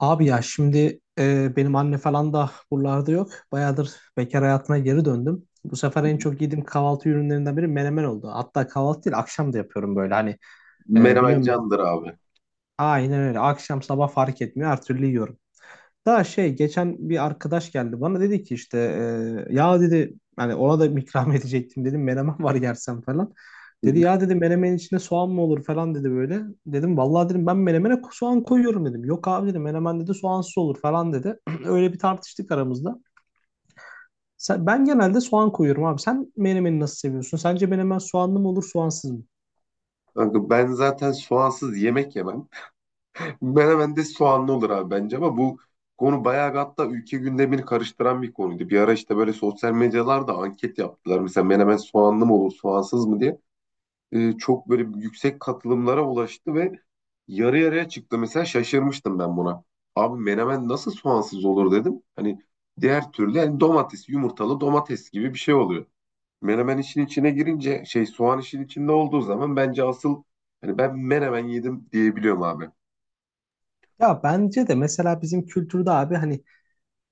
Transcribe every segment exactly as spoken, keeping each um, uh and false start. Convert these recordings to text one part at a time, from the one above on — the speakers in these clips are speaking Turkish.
Abi ya şimdi e, benim anne falan da buralarda yok. Bayağıdır bekar hayatına geri döndüm. Bu sefer Hı en hı. çok yediğim kahvaltı ürünlerinden biri menemen oldu. Hatta kahvaltı değil akşam da yapıyorum böyle hani e, Menemen biliyorum ben. candır abi. Aynen öyle akşam sabah fark etmiyor her türlü yiyorum. Daha şey geçen bir arkadaş geldi bana dedi ki işte e, ya dedi hani ona da ikram edecektim dedim menemen var yersen falan. Hı Dedi hı. ya dedi menemenin içine soğan mı olur falan dedi böyle. Dedim vallahi dedim ben menemene ko- soğan koyuyorum dedim. Yok abi dedi menemen dedi soğansız olur falan dedi. Öyle bir tartıştık aramızda. Sen, ben genelde soğan koyuyorum abi. Sen menemeni nasıl seviyorsun? Sence menemen soğanlı mı olur soğansız mı? Kanka ben zaten soğansız yemek yemem. Menemen de soğanlı olur abi bence ama bu konu bayağı bir, hatta ülke gündemini karıştıran bir konuydu. Bir ara işte böyle sosyal medyalarda anket yaptılar. Mesela menemen soğanlı mı olur, soğansız mı diye. Ee, çok böyle yüksek katılımlara ulaştı ve yarı yarıya çıktı. Mesela şaşırmıştım ben buna. Abi menemen nasıl soğansız olur dedim. Hani diğer türlü yani domates, yumurtalı domates gibi bir şey oluyor. Menemen işin içine girince şey soğan işin içinde olduğu zaman bence asıl hani ben menemen yedim diyebiliyorum abi. Ya bence de mesela bizim kültürde abi hani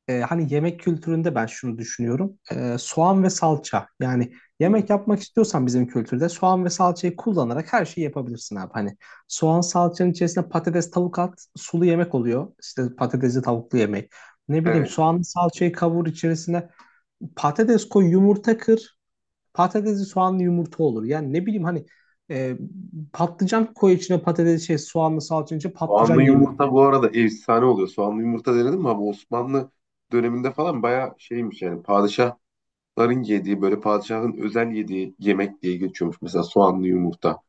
e, hani yemek kültüründe ben şunu düşünüyorum. E, soğan ve salça. Yani Hı hı. yemek yapmak istiyorsan bizim kültürde soğan ve salçayı kullanarak her şeyi yapabilirsin abi. Hani soğan salçanın içerisine patates tavuk at sulu yemek oluyor. İşte patatesli tavuklu yemek. Ne bileyim Evet. soğanlı salçayı kavur içerisine patates koy yumurta kır. Patatesli soğanlı yumurta olur. Yani ne bileyim hani e, patlıcan koy içine patates şey soğanlı salçanın içine patlıcan Soğanlı yemeği. yumurta bu arada efsane oluyor. Soğanlı yumurta denedim mi abi Osmanlı döneminde falan bayağı şeymiş yani padişahların yediği böyle padişahın özel yediği yemek diye geçiyormuş mesela soğanlı yumurta.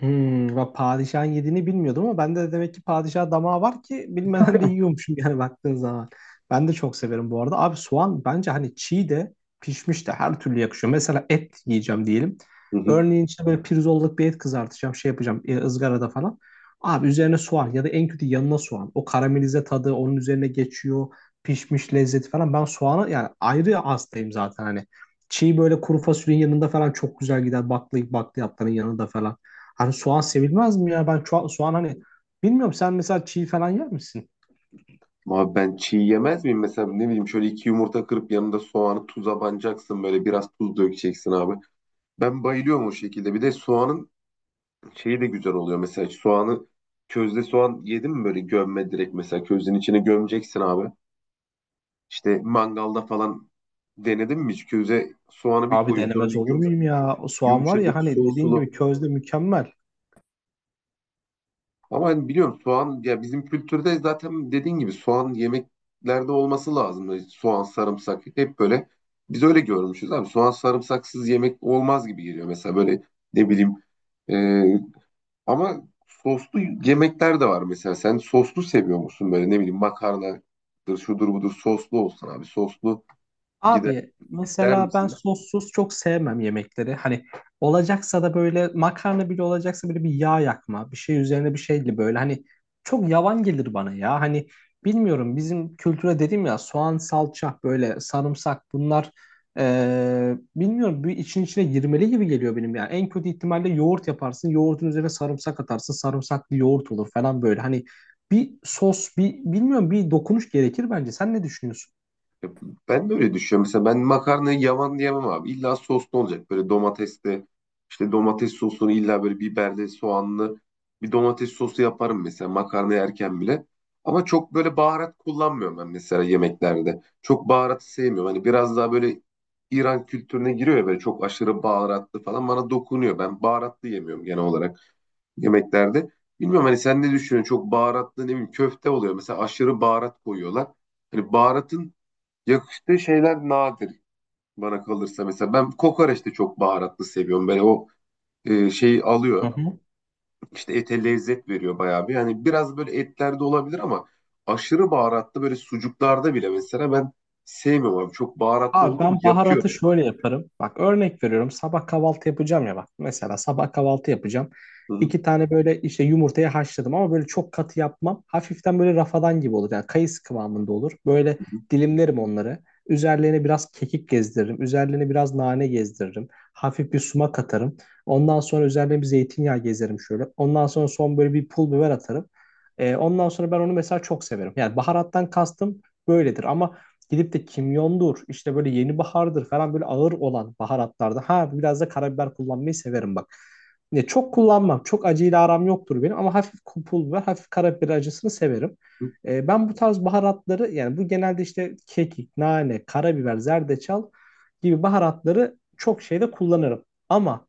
Hmm, ben padişahın yediğini bilmiyordum ama bende de demek ki padişah damağı var ki bilmeden de yiyormuşum yani baktığın zaman. Ben de çok severim bu arada. Abi soğan bence hani çiğ de pişmiş de her türlü yakışıyor. Mesela et yiyeceğim diyelim. Hı hı. Örneğin işte böyle pirzolluk bir et kızartacağım, şey yapacağım e, ızgarada falan. Abi üzerine soğan ya da en kötü yanına soğan. O karamelize tadı onun üzerine geçiyor. Pişmiş lezzeti falan. Ben soğanı yani ayrı hastayım zaten hani. Çiğ böyle kuru fasulyenin yanında falan çok güzel gider. Baklayıp bakliyatların yanında falan. Hani soğan sevilmez mi ya? Ben ço- soğan hani bilmiyorum sen mesela çiğ falan yer misin? Abi ben çiğ yemez miyim mesela ne bileyim şöyle iki yumurta kırıp yanında soğanı tuza banacaksın böyle biraz tuz dökeceksin abi. Ben bayılıyorum o şekilde. Bir de soğanın şeyi de güzel oluyor mesela soğanı közde soğan yedin mi böyle gömme direkt mesela közün içine gömeceksin abi. İşte mangalda falan denedin mi hiç köze soğanı bir Abi koyuyor sonra denemez bir olur yum, muyum ya? O soğan var ya yumuşacık hani sulu dediğin sulu. gibi közde mükemmel. Ama hani biliyorum soğan ya bizim kültürde zaten dediğin gibi soğan yemeklerde olması lazım. Soğan sarımsak hep böyle biz öyle görmüşüz abi soğan sarımsaksız yemek olmaz gibi geliyor mesela böyle ne bileyim e, ama soslu yemekler de var mesela. Sen soslu seviyor musun böyle ne bileyim makarnadır şudur budur soslu olsun abi. Soslu gider Abi der mesela ben misin? sossuz çok sevmem yemekleri. Hani olacaksa da böyle makarna bile olacaksa böyle bir yağ yakma, bir şey üzerine bir şeyle böyle hani çok yavan gelir bana ya. Hani bilmiyorum bizim kültüre dedim ya soğan, salça, böyle sarımsak bunlar eee, bilmiyorum bir için içine girmeli gibi geliyor benim yani. En kötü ihtimalle yoğurt yaparsın, yoğurdun üzerine sarımsak atarsın, sarımsaklı yoğurt olur falan böyle. Hani bir sos, bir bilmiyorum bir dokunuş gerekir bence. Sen ne düşünüyorsun? Ya ben de öyle düşünüyorum. Mesela ben makarnayı yavan diyemem abi. İlla soslu olacak. Böyle domatesli, işte domates sosunu illa böyle biberli, soğanlı bir domates sosu yaparım mesela makarna yerken bile. Ama çok böyle baharat kullanmıyorum ben mesela yemeklerde. Çok baharatı sevmiyorum. Hani biraz daha böyle İran kültürüne giriyor ya böyle çok aşırı baharatlı falan bana dokunuyor. Ben baharatlı yemiyorum genel olarak yemeklerde. Bilmiyorum hani sen ne düşünüyorsun? Çok baharatlı ne bileyim köfte oluyor. Mesela aşırı baharat koyuyorlar. Hani baharatın yakıştığı şeyler nadir bana kalırsa. Mesela ben kokoreç de çok baharatlı seviyorum. Böyle o e, şeyi Hı alıyor. hı. İşte ete lezzet veriyor bayağı bir. Yani biraz böyle etlerde olabilir ama aşırı baharatlı böyle sucuklarda bile mesela ben sevmiyorum abi. Çok baharatlı Abi olduğu ben için yakıyor baharatı beni. şöyle yaparım. Bak örnek veriyorum. Sabah kahvaltı yapacağım ya bak. Mesela sabah kahvaltı yapacağım. Hı hı, İki tane böyle işte yumurtayı haşladım ama böyle çok katı yapmam. Hafiften böyle rafadan gibi olur. Yani kayısı kıvamında olur. Böyle hı dilimlerim onları. Üzerlerine biraz kekik gezdiririm. Üzerlerine biraz nane gezdiririm. Hafif bir sumak atarım. Ondan sonra üzerine bir zeytinyağı gezerim şöyle. Ondan sonra son böyle bir pul biber atarım. Ee, ondan sonra ben onu mesela çok severim. Yani baharattan kastım böyledir ama gidip de kimyondur, işte böyle yeni bahardır falan böyle ağır olan baharatlarda. Ha biraz da karabiber kullanmayı severim bak. Ne çok kullanmam. Çok acıyla aram yoktur benim ama hafif pul ve hafif karabiber acısını severim. hı. E, ben bu tarz baharatları yani bu genelde işte kekik, nane, karabiber, zerdeçal gibi baharatları çok şeyde kullanırım. Ama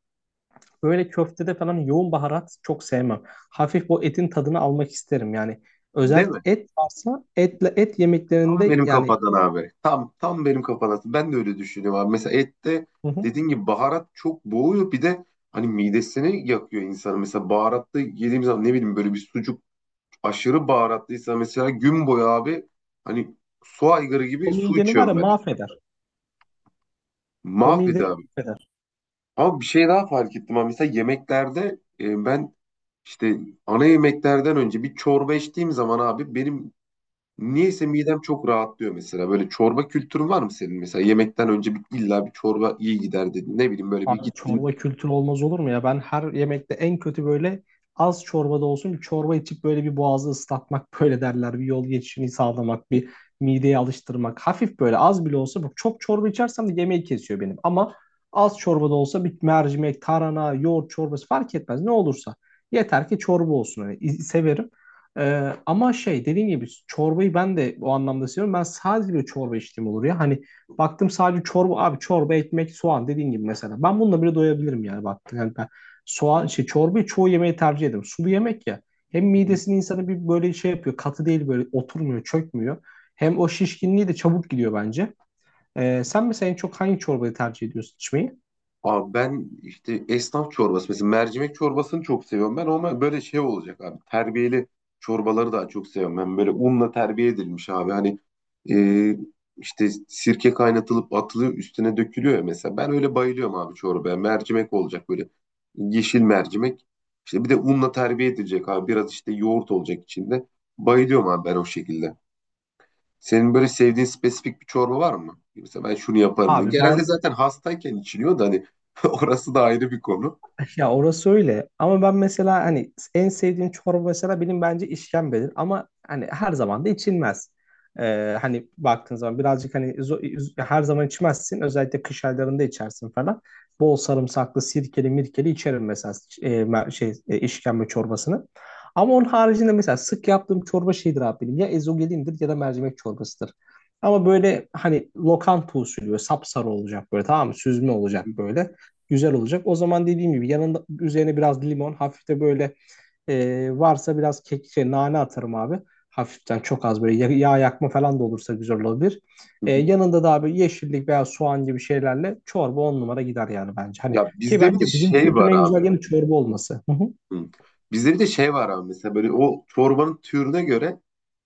böyle köftede falan yoğun baharat çok sevmem. Hafif bu etin tadını almak isterim. Yani Değil özellikle mi? et varsa etle et Tam yemeklerinde benim yani. kafadan abi. Tam tam benim kafadan. Ben de öyle düşünüyorum abi. Mesela ette Hı hı. dediğin gibi baharat çok boğuyor. Bir de hani midesini yakıyor insanın. Mesela baharatlı yediğim zaman ne bileyim böyle bir sucuk aşırı baharatlıysa mesela gün boyu abi hani su aygırı O gibi su mideni var ya içiyorum ben. mahveder. O Mahvedi mideni abi. mahveder. Ama bir şey daha fark ettim abi. Mesela yemeklerde e, ben işte ana yemeklerden önce bir çorba içtiğim zaman abi benim niyeyse midem çok rahatlıyor mesela. Böyle çorba kültürün var mı senin mesela? Yemekten önce bir, illa bir çorba iyi gider dedin. Ne bileyim böyle bir Abi gittin. çorba kültürü olmaz olur mu ya? Ben her yemekte en kötü böyle az çorbada olsun bir çorba içip böyle bir boğazı ıslatmak böyle derler. Bir yol geçişini sağlamak, bir mideyi alıştırmak. Hafif böyle az bile olsa bak çok çorba içersem de yemeği kesiyor benim. Ama az çorbada olsa bir mercimek, tarhana, yoğurt çorbası fark etmez ne olursa. Yeter ki çorba olsun. Hani iz- severim. Ee, ama şey dediğim gibi çorbayı ben de o anlamda seviyorum. Ben sadece bir çorba içtiğim olur ya. Hani baktım sadece çorba abi, çorba, ekmek, soğan dediğin gibi mesela. Ben bununla bile doyabilirim yani baktım. Yani ben soğan şey çorbayı çoğu yemeği tercih ederim. Sulu yemek ya. Hem midesini insanı bir böyle şey yapıyor. Katı değil böyle oturmuyor, çökmüyor. Hem o şişkinliği de çabuk gidiyor bence. Ee, sen mesela en çok hangi çorbayı tercih ediyorsun içmeyi? Abi ben işte esnaf çorbası mesela mercimek çorbasını çok seviyorum ben ama böyle şey olacak abi terbiyeli çorbaları daha çok seviyorum ben böyle unla terbiye edilmiş abi hani e, işte sirke kaynatılıp atılıyor üstüne dökülüyor ya mesela ben öyle bayılıyorum abi çorbaya mercimek olacak böyle yeşil mercimek işte bir de unla terbiye edilecek abi biraz işte yoğurt olacak içinde bayılıyorum abi ben o şekilde. Senin böyle sevdiğin spesifik bir çorba var mı? Mesela ben şunu yaparım diye. Abi Genelde ben zaten hastayken içiliyor da hani orası da ayrı bir konu. Ya orası öyle ama ben mesela hani en sevdiğim çorba mesela benim bence işkembedir ama hani her zaman da içilmez. Ee, hani baktığın zaman birazcık hani zo- her zaman içmezsin özellikle kış aylarında içersin falan. Bol sarımsaklı sirkeli mirkeli içerim mesela e, mer- şey e, işkembe çorbasını. Ama onun haricinde mesela sık yaptığım çorba şeydir abi benim ya ezogelindir ya da mercimek çorbasıdır. Ama böyle hani lokanta usulü böyle sapsarı olacak böyle tamam mı süzme Hı olacak hı, böyle güzel olacak. O zaman dediğim gibi yanında üzerine biraz limon, hafif de böyle e, varsa biraz kek, şey, nane atarım abi. Hafiften çok az böyle yağ, yakma falan da olursa güzel olabilir. hı E, hı. Yanında da abi yeşillik veya soğan gibi şeylerle çorba on numara gider yani bence. Hani Ya ki bizde bir de bence bizim şey kültürün var en abi. güzel yanı çorba olması. Hı hı. Hı. Bizde bir de şey var abi mesela böyle o çorbanın türüne göre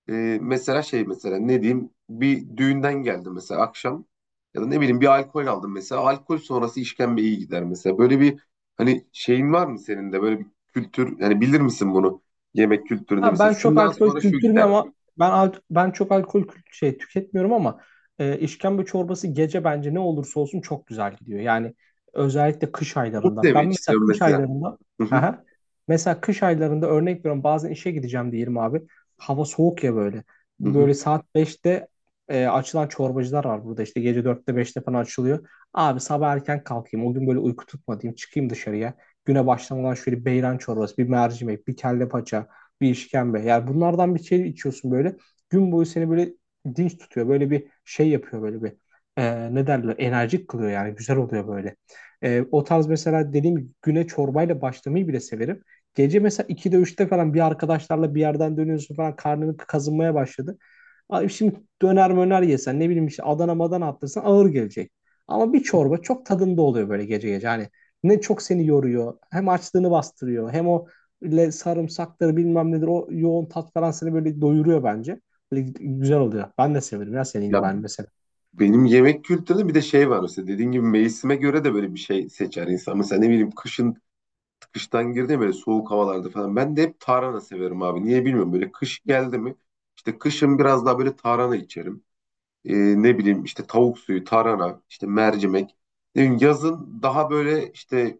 e, mesela şey mesela ne diyeyim bir düğünden geldim mesela akşam ya da ne bileyim bir alkol aldım mesela alkol sonrası işkembe iyi gider mesela. Böyle bir hani şeyin var mı senin de böyle bir kültür yani bilir misin bunu yemek kültüründe Ha, mesela ben çok şundan alkol sonra şu kültürüm gider. ama ben al- ben çok alkol kült- şey tüketmiyorum ama e, işkembe çorbası gece bence ne olursa olsun çok güzel gidiyor. Yani özellikle kış Bunu aylarında. Ben demek mesela istiyorum kış mesela. aylarında. Hı hı, Aha. Mesela kış aylarında örnek veriyorum bazen işe gideceğim diyelim abi. Hava soğuk ya böyle. hı hı. Böyle saat beşte e, açılan çorbacılar var burada işte gece dörtte beşte falan açılıyor. Abi sabah erken kalkayım o gün böyle uyku tutmadayım çıkayım dışarıya. Güne başlamadan şöyle beyran çorbası, bir mercimek, bir kelle paça, bir işkembe. Yani bunlardan bir şey içiyorsun böyle. Gün boyu seni böyle dinç tutuyor. Böyle bir şey yapıyor böyle bir. E, ne derler? Enerjik kılıyor yani. Güzel oluyor böyle. E, o tarz mesela dediğim gibi güne çorbayla başlamayı bile severim. Gece mesela ikide üçte falan bir arkadaşlarla bir yerden dönüyorsun falan karnını kazınmaya başladı. Abi şimdi döner möner yesen ne bileyim işte Adana madana attırsan ağır gelecek. Ama bir çorba çok tadında oluyor böyle gece gece. Hani ne çok seni yoruyor, hem açlığını bastırıyor hem o ile sarımsaktır bilmem nedir o yoğun tat falan seni böyle doyuruyor bence. Böyle güzel oluyor. Ben de severim ya senin Ya gibi hani mesela. benim yemek kültürü bir de şey var mesela dediğin gibi mevsime göre de böyle bir şey seçer insan. Mesela ne bileyim kışın kıştan girdi ya böyle soğuk havalarda falan. Ben de hep tarhana severim abi. Niye bilmiyorum böyle kış geldi mi işte kışın biraz daha böyle tarhana içerim. Ee, Ne bileyim işte tavuk suyu, tarhana, işte mercimek. Ne bileyim, yazın daha böyle işte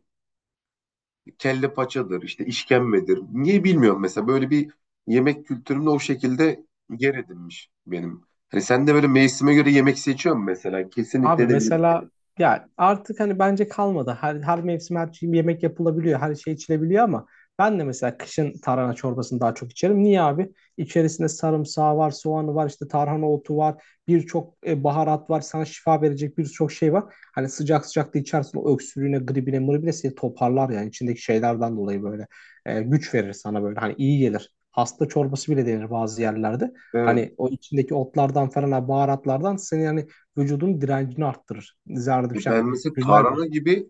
kelle paçadır, işte işkembedir. Niye bilmiyorum mesela böyle bir yemek kültürümde o şekilde yer edinmiş benim. Hani sen de böyle mevsime göre yemek seçiyor musun mesela? Kesinlikle Abi ne bileyim. mesela ya artık hani bence kalmadı. Her, her mevsim her şey, yemek yapılabiliyor. Her şey içilebiliyor ama ben de mesela kışın tarhana çorbasını daha çok içerim. Niye abi? İçerisinde sarımsağı var, soğanı var, işte tarhana otu var. Birçok e, baharat var. Sana şifa verecek birçok şey var. Hani sıcak sıcak da içersin o öksürüğüne, gribine, mıribine seni toparlar yani içindeki şeylerden dolayı böyle. E, güç verir sana böyle. Hani iyi gelir. Hasta çorbası bile denir bazı yerlerde. Evet. Hani o içindeki otlardan falan, baharatlardan seni hani vücudun direncini arttırır. Zerdüşt Ya ben yani mesela tarhana güzeldir. gibi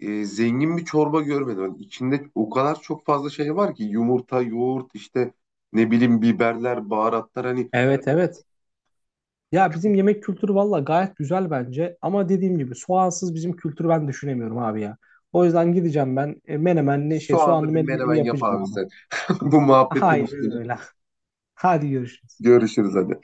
e, zengin bir çorba görmedim. Hani içinde o kadar çok fazla şey var ki yumurta, yoğurt, işte ne bileyim biberler, baharatlar hani Evet, evet. Ya bizim yemek kültürü valla gayet güzel bence. Ama dediğim gibi soğansız bizim kültürü ben düşünemiyorum abi ya. O yüzden gideceğim ben e, menemenli şey soğanlı soğanlı bir menemenimi menemen yap yapacağım abi abi. sen. Bu muhabbetin Hayır üstüne. öyle. Hadi görüşürüz. Görüşürüz hadi.